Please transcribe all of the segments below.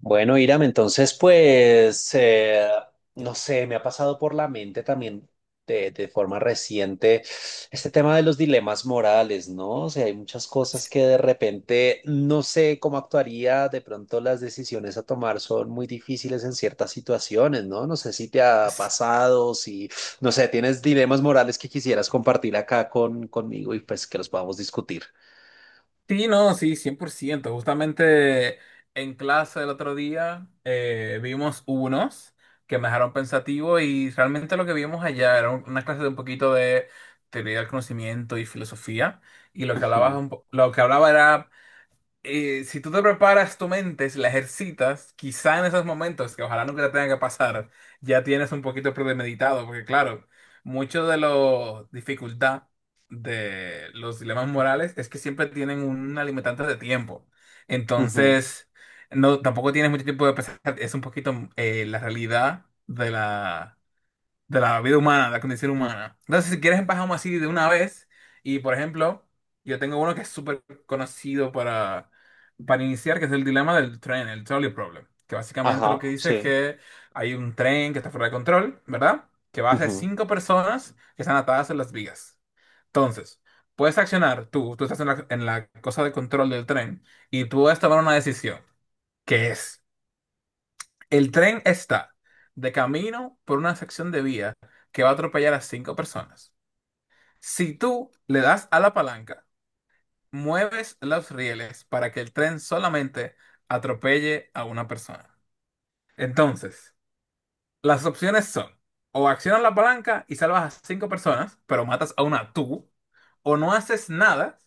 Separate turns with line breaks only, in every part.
Bueno, Iram, entonces pues, no sé, me ha pasado por la mente también de forma reciente este tema de los dilemas morales, ¿no? O sea, hay muchas cosas que de repente no sé cómo actuaría, de pronto las decisiones a tomar son muy difíciles en ciertas situaciones, ¿no? No sé si te ha pasado, si, no sé, tienes dilemas morales que quisieras compartir acá conmigo y pues que los podamos discutir.
Sí, no, sí, cien por ciento. Justamente en clase el otro día vimos unos que me dejaron pensativo, y realmente lo que vimos allá era una clase de un poquito de teoría del conocimiento y filosofía, y
Ujú,
lo que hablaba era si tú te preparas tu mente, si la ejercitas, quizá en esos momentos, que ojalá nunca te tenga que pasar, ya tienes un poquito premeditado, porque claro, mucho de la dificultad de los dilemas morales es que siempre tienen un limitante de tiempo.
ujú.
Entonces, no, tampoco tienes mucho tiempo de pensar, es un poquito la realidad de la vida humana, de la condición humana. Entonces, si quieres, empezamos así de una vez. Y, por ejemplo, yo tengo uno que es súper conocido para iniciar, que es el dilema del tren, el trolley problem. Que básicamente
Ajá,
lo que dice es
sí.
que hay un tren que está fuera de control, ¿verdad? Que va hacia
Ujú,
cinco personas que están atadas en las vigas. Entonces, puedes accionar tú, tú estás en en la cosa de control del tren, y tú puedes tomar una decisión, que es el tren está de camino por una sección de vía que va a atropellar a cinco personas. Si tú le das a la palanca, mueves los rieles para que el tren solamente atropelle a una persona. Entonces, las opciones son o accionas la palanca y salvas a cinco personas, pero matas a una tú, o no haces nada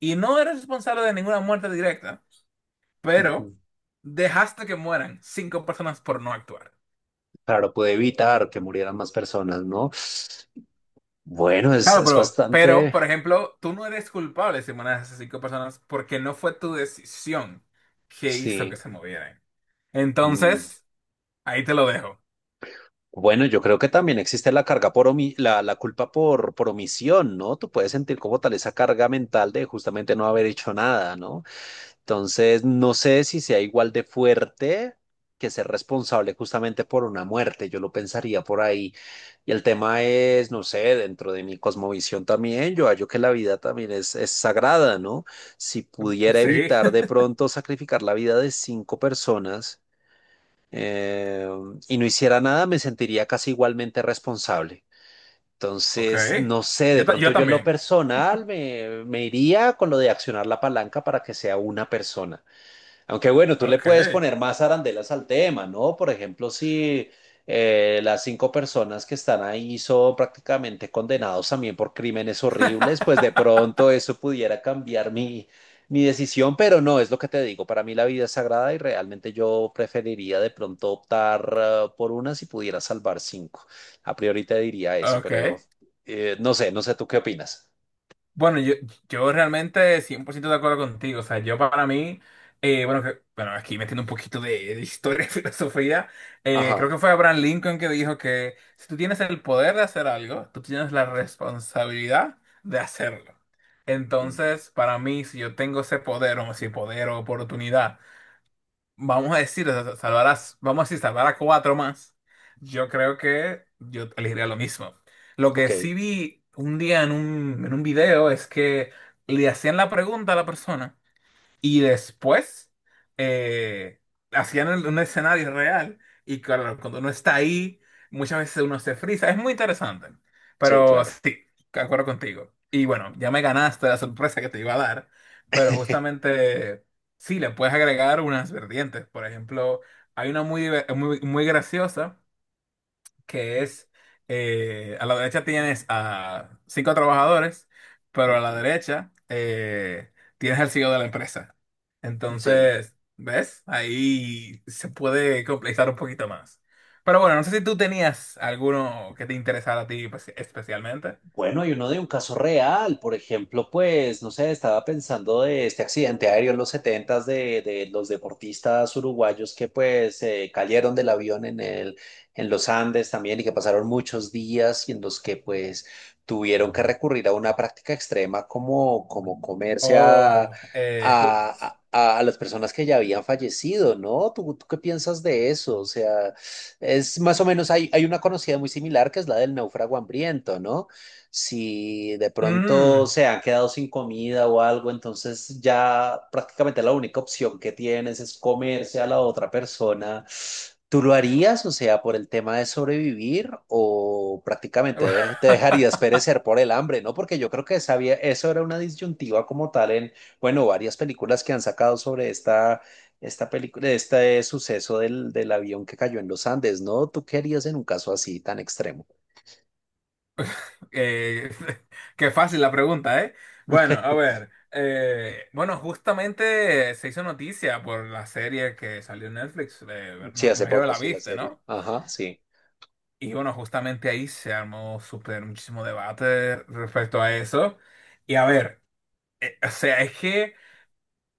y no eres responsable de ninguna muerte directa, pero
ujú.
dejaste que mueran cinco personas por no actuar.
Claro, pude evitar que murieran más personas, ¿no? Bueno,
Claro,
es
pero,
bastante,
por ejemplo, tú no eres culpable si manejas a esas cinco personas porque no fue tu decisión que hizo
sí.
que se movieran.
Mm.
Entonces, ahí te lo dejo.
Bueno, yo creo que también existe la carga la culpa por omisión, ¿no? Tú puedes sentir como tal esa carga mental de justamente no haber hecho nada, ¿no? Entonces, no sé si sea igual de fuerte que ser responsable justamente por una muerte, yo lo pensaría por ahí. Y el tema es, no sé, dentro de mi cosmovisión también, yo hallo que la vida también es sagrada, ¿no? Si pudiera
Sí,
evitar de pronto sacrificar la vida de cinco personas eh, y no hiciera nada, me sentiría casi igualmente responsable.
ok.
Entonces, no sé, de
Yo,
pronto
yo
yo en lo
también.
personal me iría con lo de accionar la palanca para que sea una persona. Aunque bueno, tú le
Ok,
puedes poner más arandelas al tema, ¿no? Por ejemplo, si las cinco personas que están ahí son prácticamente condenados también por crímenes horribles, pues de pronto eso pudiera cambiar mi decisión, pero no, es lo que te digo, para mí la vida es sagrada y realmente yo preferiría de pronto optar por una si pudiera salvar cinco. A priori te diría eso,
ok.
pero no sé, no sé tú qué opinas.
Bueno, yo realmente 100% de acuerdo contigo. O sea, yo para mí, bueno, bueno, aquí metiendo un poquito de historia y filosofía,
Ajá,
creo que fue Abraham Lincoln que dijo que si tú tienes el poder de hacer algo, tú tienes la responsabilidad de hacerlo.
mm,
Entonces, para mí, si yo tengo ese poder, o si poder o oportunidad, vamos a decir, o sea, salvar a, vamos a decir, salvar a cuatro más, yo creo que yo elegiría lo mismo. Lo
ok,
que sí vi un día en en un video es que le hacían la pregunta a la persona. Y después eh, hacían un escenario real, y claro, cuando uno está ahí, muchas veces uno se frisa. Es muy interesante.
sí,
Pero
claro.
sí, de acuerdo contigo. Y bueno, ya me ganaste la sorpresa que te iba a dar, pero justamente sí, le puedes agregar unas vertientes. Por ejemplo, hay una muy, muy graciosa que es, a la derecha tienes a cinco trabajadores, pero a la
Ujú,
derecha tienes al CEO de la empresa.
sí.
Entonces, ¿ves? Ahí se puede complejizar un poquito más. Pero bueno, no sé si tú tenías alguno que te interesara a ti pues, especialmente.
Bueno, hay uno de un caso real, por ejemplo, pues, no sé, estaba pensando de este accidente aéreo en los setentas de los deportistas uruguayos que pues cayeron del avión en el, en los Andes también y que pasaron muchos días y en los que pues tuvieron que recurrir a una práctica extrema como, como comerse
O... eh, ju-
a las personas que ya habían fallecido, ¿no? Tú qué piensas de eso? O sea, es más o menos, hay una conocida muy similar que es la del náufrago hambriento, ¿no? Si de pronto
Mm.
se han quedado sin comida o algo, entonces ya prácticamente la única opción que tienes es comerse a la otra persona. ¿Tú lo harías, o sea, por el tema de sobrevivir o prácticamente te dejarías perecer por el hambre, ¿no? Porque yo creo que eso era una disyuntiva como tal en, bueno, varias películas que han sacado sobre esta película, este suceso del avión que cayó en los Andes, ¿no? ¿Tú qué harías en un caso así tan extremo?
Eh, qué fácil la pregunta, ¿eh? Bueno, a ver. Bueno, justamente se hizo noticia por la serie que salió en Netflix. No,
Sí,
me
hace
imagino que
poco,
la
sí, la
viste,
serie.
¿no?
Ajá, sí.
Y bueno, justamente ahí se armó súper muchísimo debate respecto a eso. Y a ver, o sea,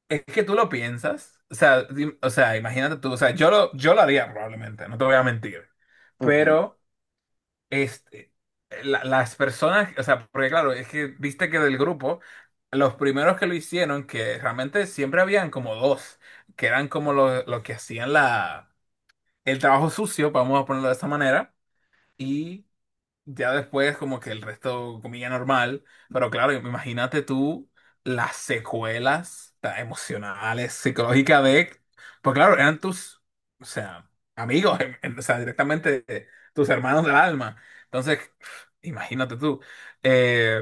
es que tú lo piensas. O sea, o sea, imagínate tú. O sea, yo lo haría probablemente, no te voy a mentir.
Ujú,
Pero. Este, las personas, o sea, porque claro, es que viste que del grupo, los primeros que lo hicieron, que realmente siempre habían como dos, que eran como los que hacían el trabajo sucio, vamos a ponerlo de esa manera, ya después, como que el resto comía normal, pero claro, imagínate tú las secuelas emocionales, psicológicas de, pues claro, eran tus, o sea, amigos, o sea, directamente tus hermanos del alma. Entonces, imagínate tú, eh,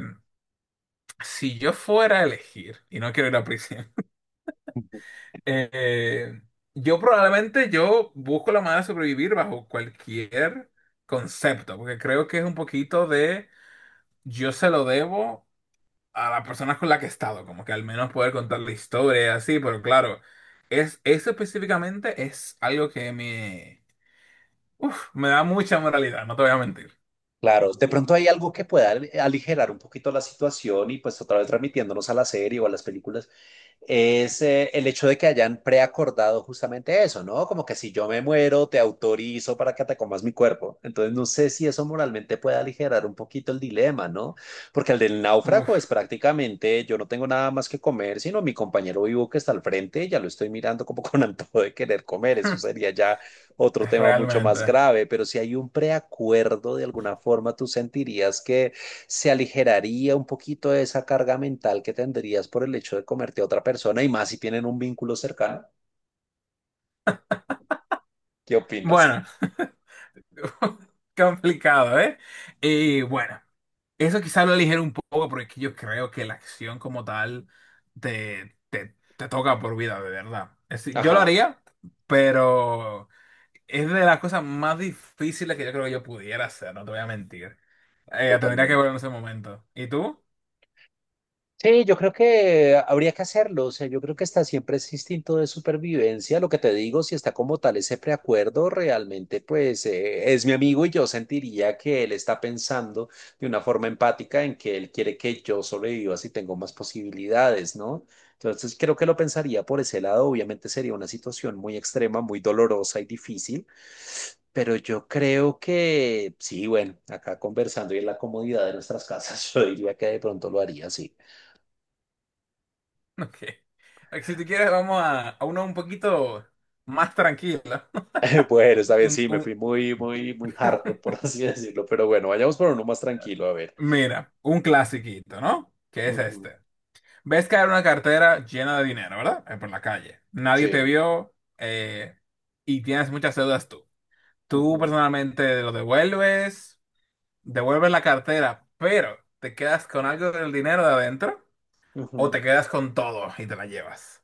si yo fuera a elegir, y no quiero ir a prisión,
ujú.
eh, yo probablemente yo busco la manera de sobrevivir bajo cualquier concepto, porque creo que es un poquito de yo se lo debo a las personas con las que he estado, como que al menos poder contar la historia y así, pero claro, es, eso específicamente es algo que me da mucha moralidad, no te voy a mentir.
Claro, de pronto hay algo que aligerar un poquito la situación y pues otra vez transmitiéndonos a la serie o a las películas, es el hecho de que hayan preacordado justamente eso, ¿no? Como que si yo me muero, te autorizo para que te comas mi cuerpo. Entonces, no sé si eso moralmente puede aligerar un poquito el dilema, ¿no? Porque el del náufrago es
Uf,
prácticamente yo no tengo nada más que comer, sino mi compañero vivo que está al frente, ya lo estoy mirando como con antojo de querer comer. Eso sería ya otro tema mucho más
realmente.
grave, pero si hay un preacuerdo, de alguna forma tú sentirías que se aligeraría un poquito de esa carga mental que tendrías por el hecho de comerte a otra persona y más si tienen un vínculo cercano. ¿Qué opinas?
Bueno, complicado, ¿eh? Y bueno, eso quizá lo ligero un poco porque yo creo que la acción como tal te toca por vida, de verdad. Es decir, yo lo
Ajá,
haría, pero... Es de las cosas más difíciles que yo creo que yo pudiera hacer, no te voy a mentir. Tendría que volver
totalmente.
en ese momento. ¿Y tú?
Sí, yo creo que habría que hacerlo. O sea, yo creo que está siempre ese instinto de supervivencia. Lo que te digo, si está como tal ese preacuerdo, realmente pues es mi amigo y yo sentiría que él está pensando de una forma empática en que él quiere que yo sobreviva si tengo más posibilidades, ¿no? Entonces creo que lo pensaría por ese lado. Obviamente sería una situación muy extrema, muy dolorosa y difícil, pero yo creo que sí, bueno, acá conversando y en la comodidad de nuestras casas, yo diría que de pronto lo haría, sí.
Ok. Ok, si tú quieres, vamos a uno un poquito más tranquilo.
Bueno, está bien,
Un-
sí, me
un-
fui muy, muy, muy hardcore, por así decirlo, pero bueno, vayamos por uno más tranquilo, a ver.
Mira, un clasiquito, ¿no? ¿Qué es
Ujú,
este? Ves caer una cartera llena de dinero, ¿verdad? Por la calle. Nadie te
sí.
vio, eh, y tienes muchas deudas tú. Tú
Ujú,
personalmente lo devuelves, devuelves la cartera, pero te quedas con algo del dinero de adentro. O
ujú.
te quedas con todo y te la llevas.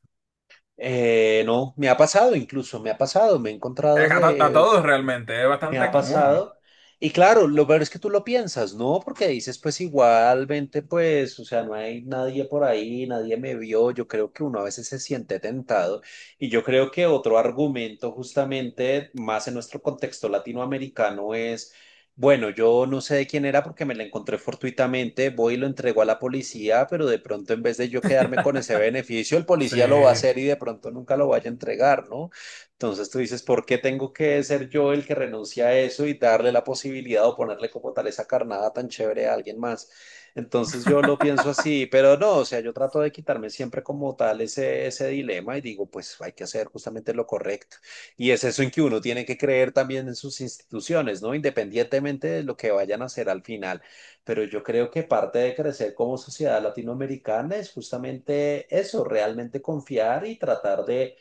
No, me ha pasado incluso, me ha pasado, me he encontrado
A, a
de.
todos realmente, es
Me ha
bastante común.
pasado. Y claro, lo peor es que tú lo piensas, ¿no? Porque dices, pues igualmente, pues, o sea, no hay nadie por ahí, nadie me vio. Yo creo que uno a veces se siente tentado. Y yo creo que otro argumento, justamente, más en nuestro contexto latinoamericano, es, bueno, yo no sé de quién era porque me la encontré fortuitamente, voy y lo entrego a la policía, pero de pronto en vez de yo quedarme con ese beneficio, el policía lo va a
Sí.
hacer y de pronto nunca lo vaya a entregar, ¿no? Entonces tú dices, ¿por qué tengo que ser yo el que renuncia a eso y darle la posibilidad o ponerle como tal esa carnada tan chévere a alguien más? Entonces yo lo pienso así, pero no, o sea, yo trato de quitarme siempre como tal ese dilema y digo, pues hay que hacer justamente lo correcto. Y es eso en que uno tiene que creer también en sus instituciones, ¿no? Independientemente de lo que vayan a hacer al final. Pero yo creo que parte de crecer como sociedad latinoamericana es justamente eso, realmente confiar y tratar de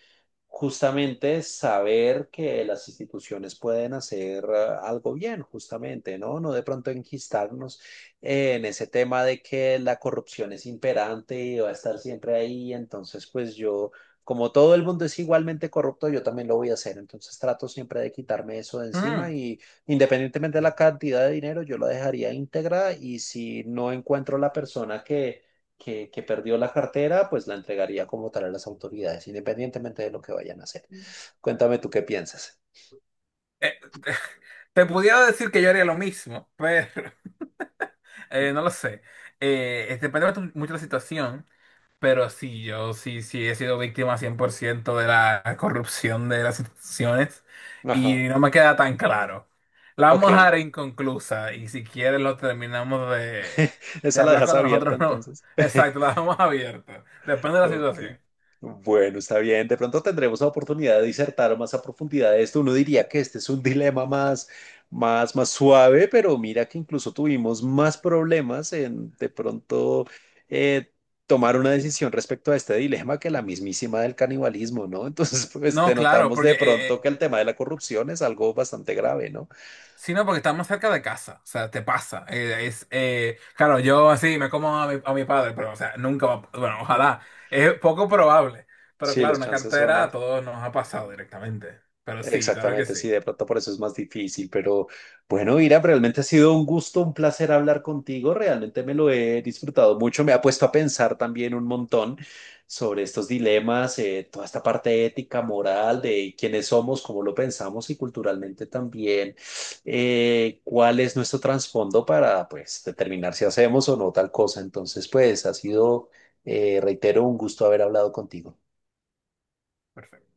justamente saber que las instituciones pueden hacer ah, algo bien, justamente, ¿no? No de pronto enquistarnos en ese tema de que la corrupción es imperante y va a estar siempre ahí, entonces pues yo, como todo el mundo es igualmente corrupto, yo también lo voy a hacer, entonces trato siempre de quitarme eso de encima
Mm,
y independientemente de la cantidad de dinero, yo la dejaría íntegra y si no encuentro la persona que perdió la cartera, pues la entregaría como tal a las autoridades, independientemente de lo que vayan a hacer. Cuéntame tú qué piensas.
eh, te pudiera decir que yo haría lo mismo, pero no lo sé. Depende bastante mucho de la situación. Pero sí, sí he sido víctima 100% de la corrupción de las instituciones,
Ajá.
y no me queda tan claro. La vamos a
Ok.
dejar inconclusa, y si quieres lo terminamos de
Esa la
hablar
dejas
cuando
abierta
nosotros no...
entonces.
Exacto, la dejamos abierta. Depende de la
Ok.
situación.
Bueno, está bien. De pronto tendremos la oportunidad de disertar más a profundidad de esto. Uno diría que este es un dilema más, más suave, pero mira que incluso tuvimos más problemas en de pronto eh, tomar una decisión respecto a este dilema que la mismísima del canibalismo, ¿no? Entonces, pues te
No, claro,
notamos
porque
de pronto que el tema de la corrupción es algo bastante grave, ¿no?
sino porque está más cerca de casa, o sea, te pasa. Claro, yo así me como a a mi padre, pero, o sea, nunca, bueno, ojalá, es poco probable, pero
Sí,
claro,
los
una
chances son
cartera a
más.
todos nos ha pasado directamente, pero sí, claro que
Exactamente,
sí.
sí, de pronto por eso es más difícil, pero bueno, Ira, realmente ha sido un gusto, un placer hablar contigo, realmente me lo he disfrutado mucho, me ha puesto a pensar también un montón sobre estos dilemas, toda esta parte ética, moral, de quiénes somos, cómo lo pensamos y culturalmente también, cuál es nuestro trasfondo para pues determinar si hacemos o no tal cosa. Entonces, pues ha sido, reitero, un gusto haber hablado contigo.
Perfecto.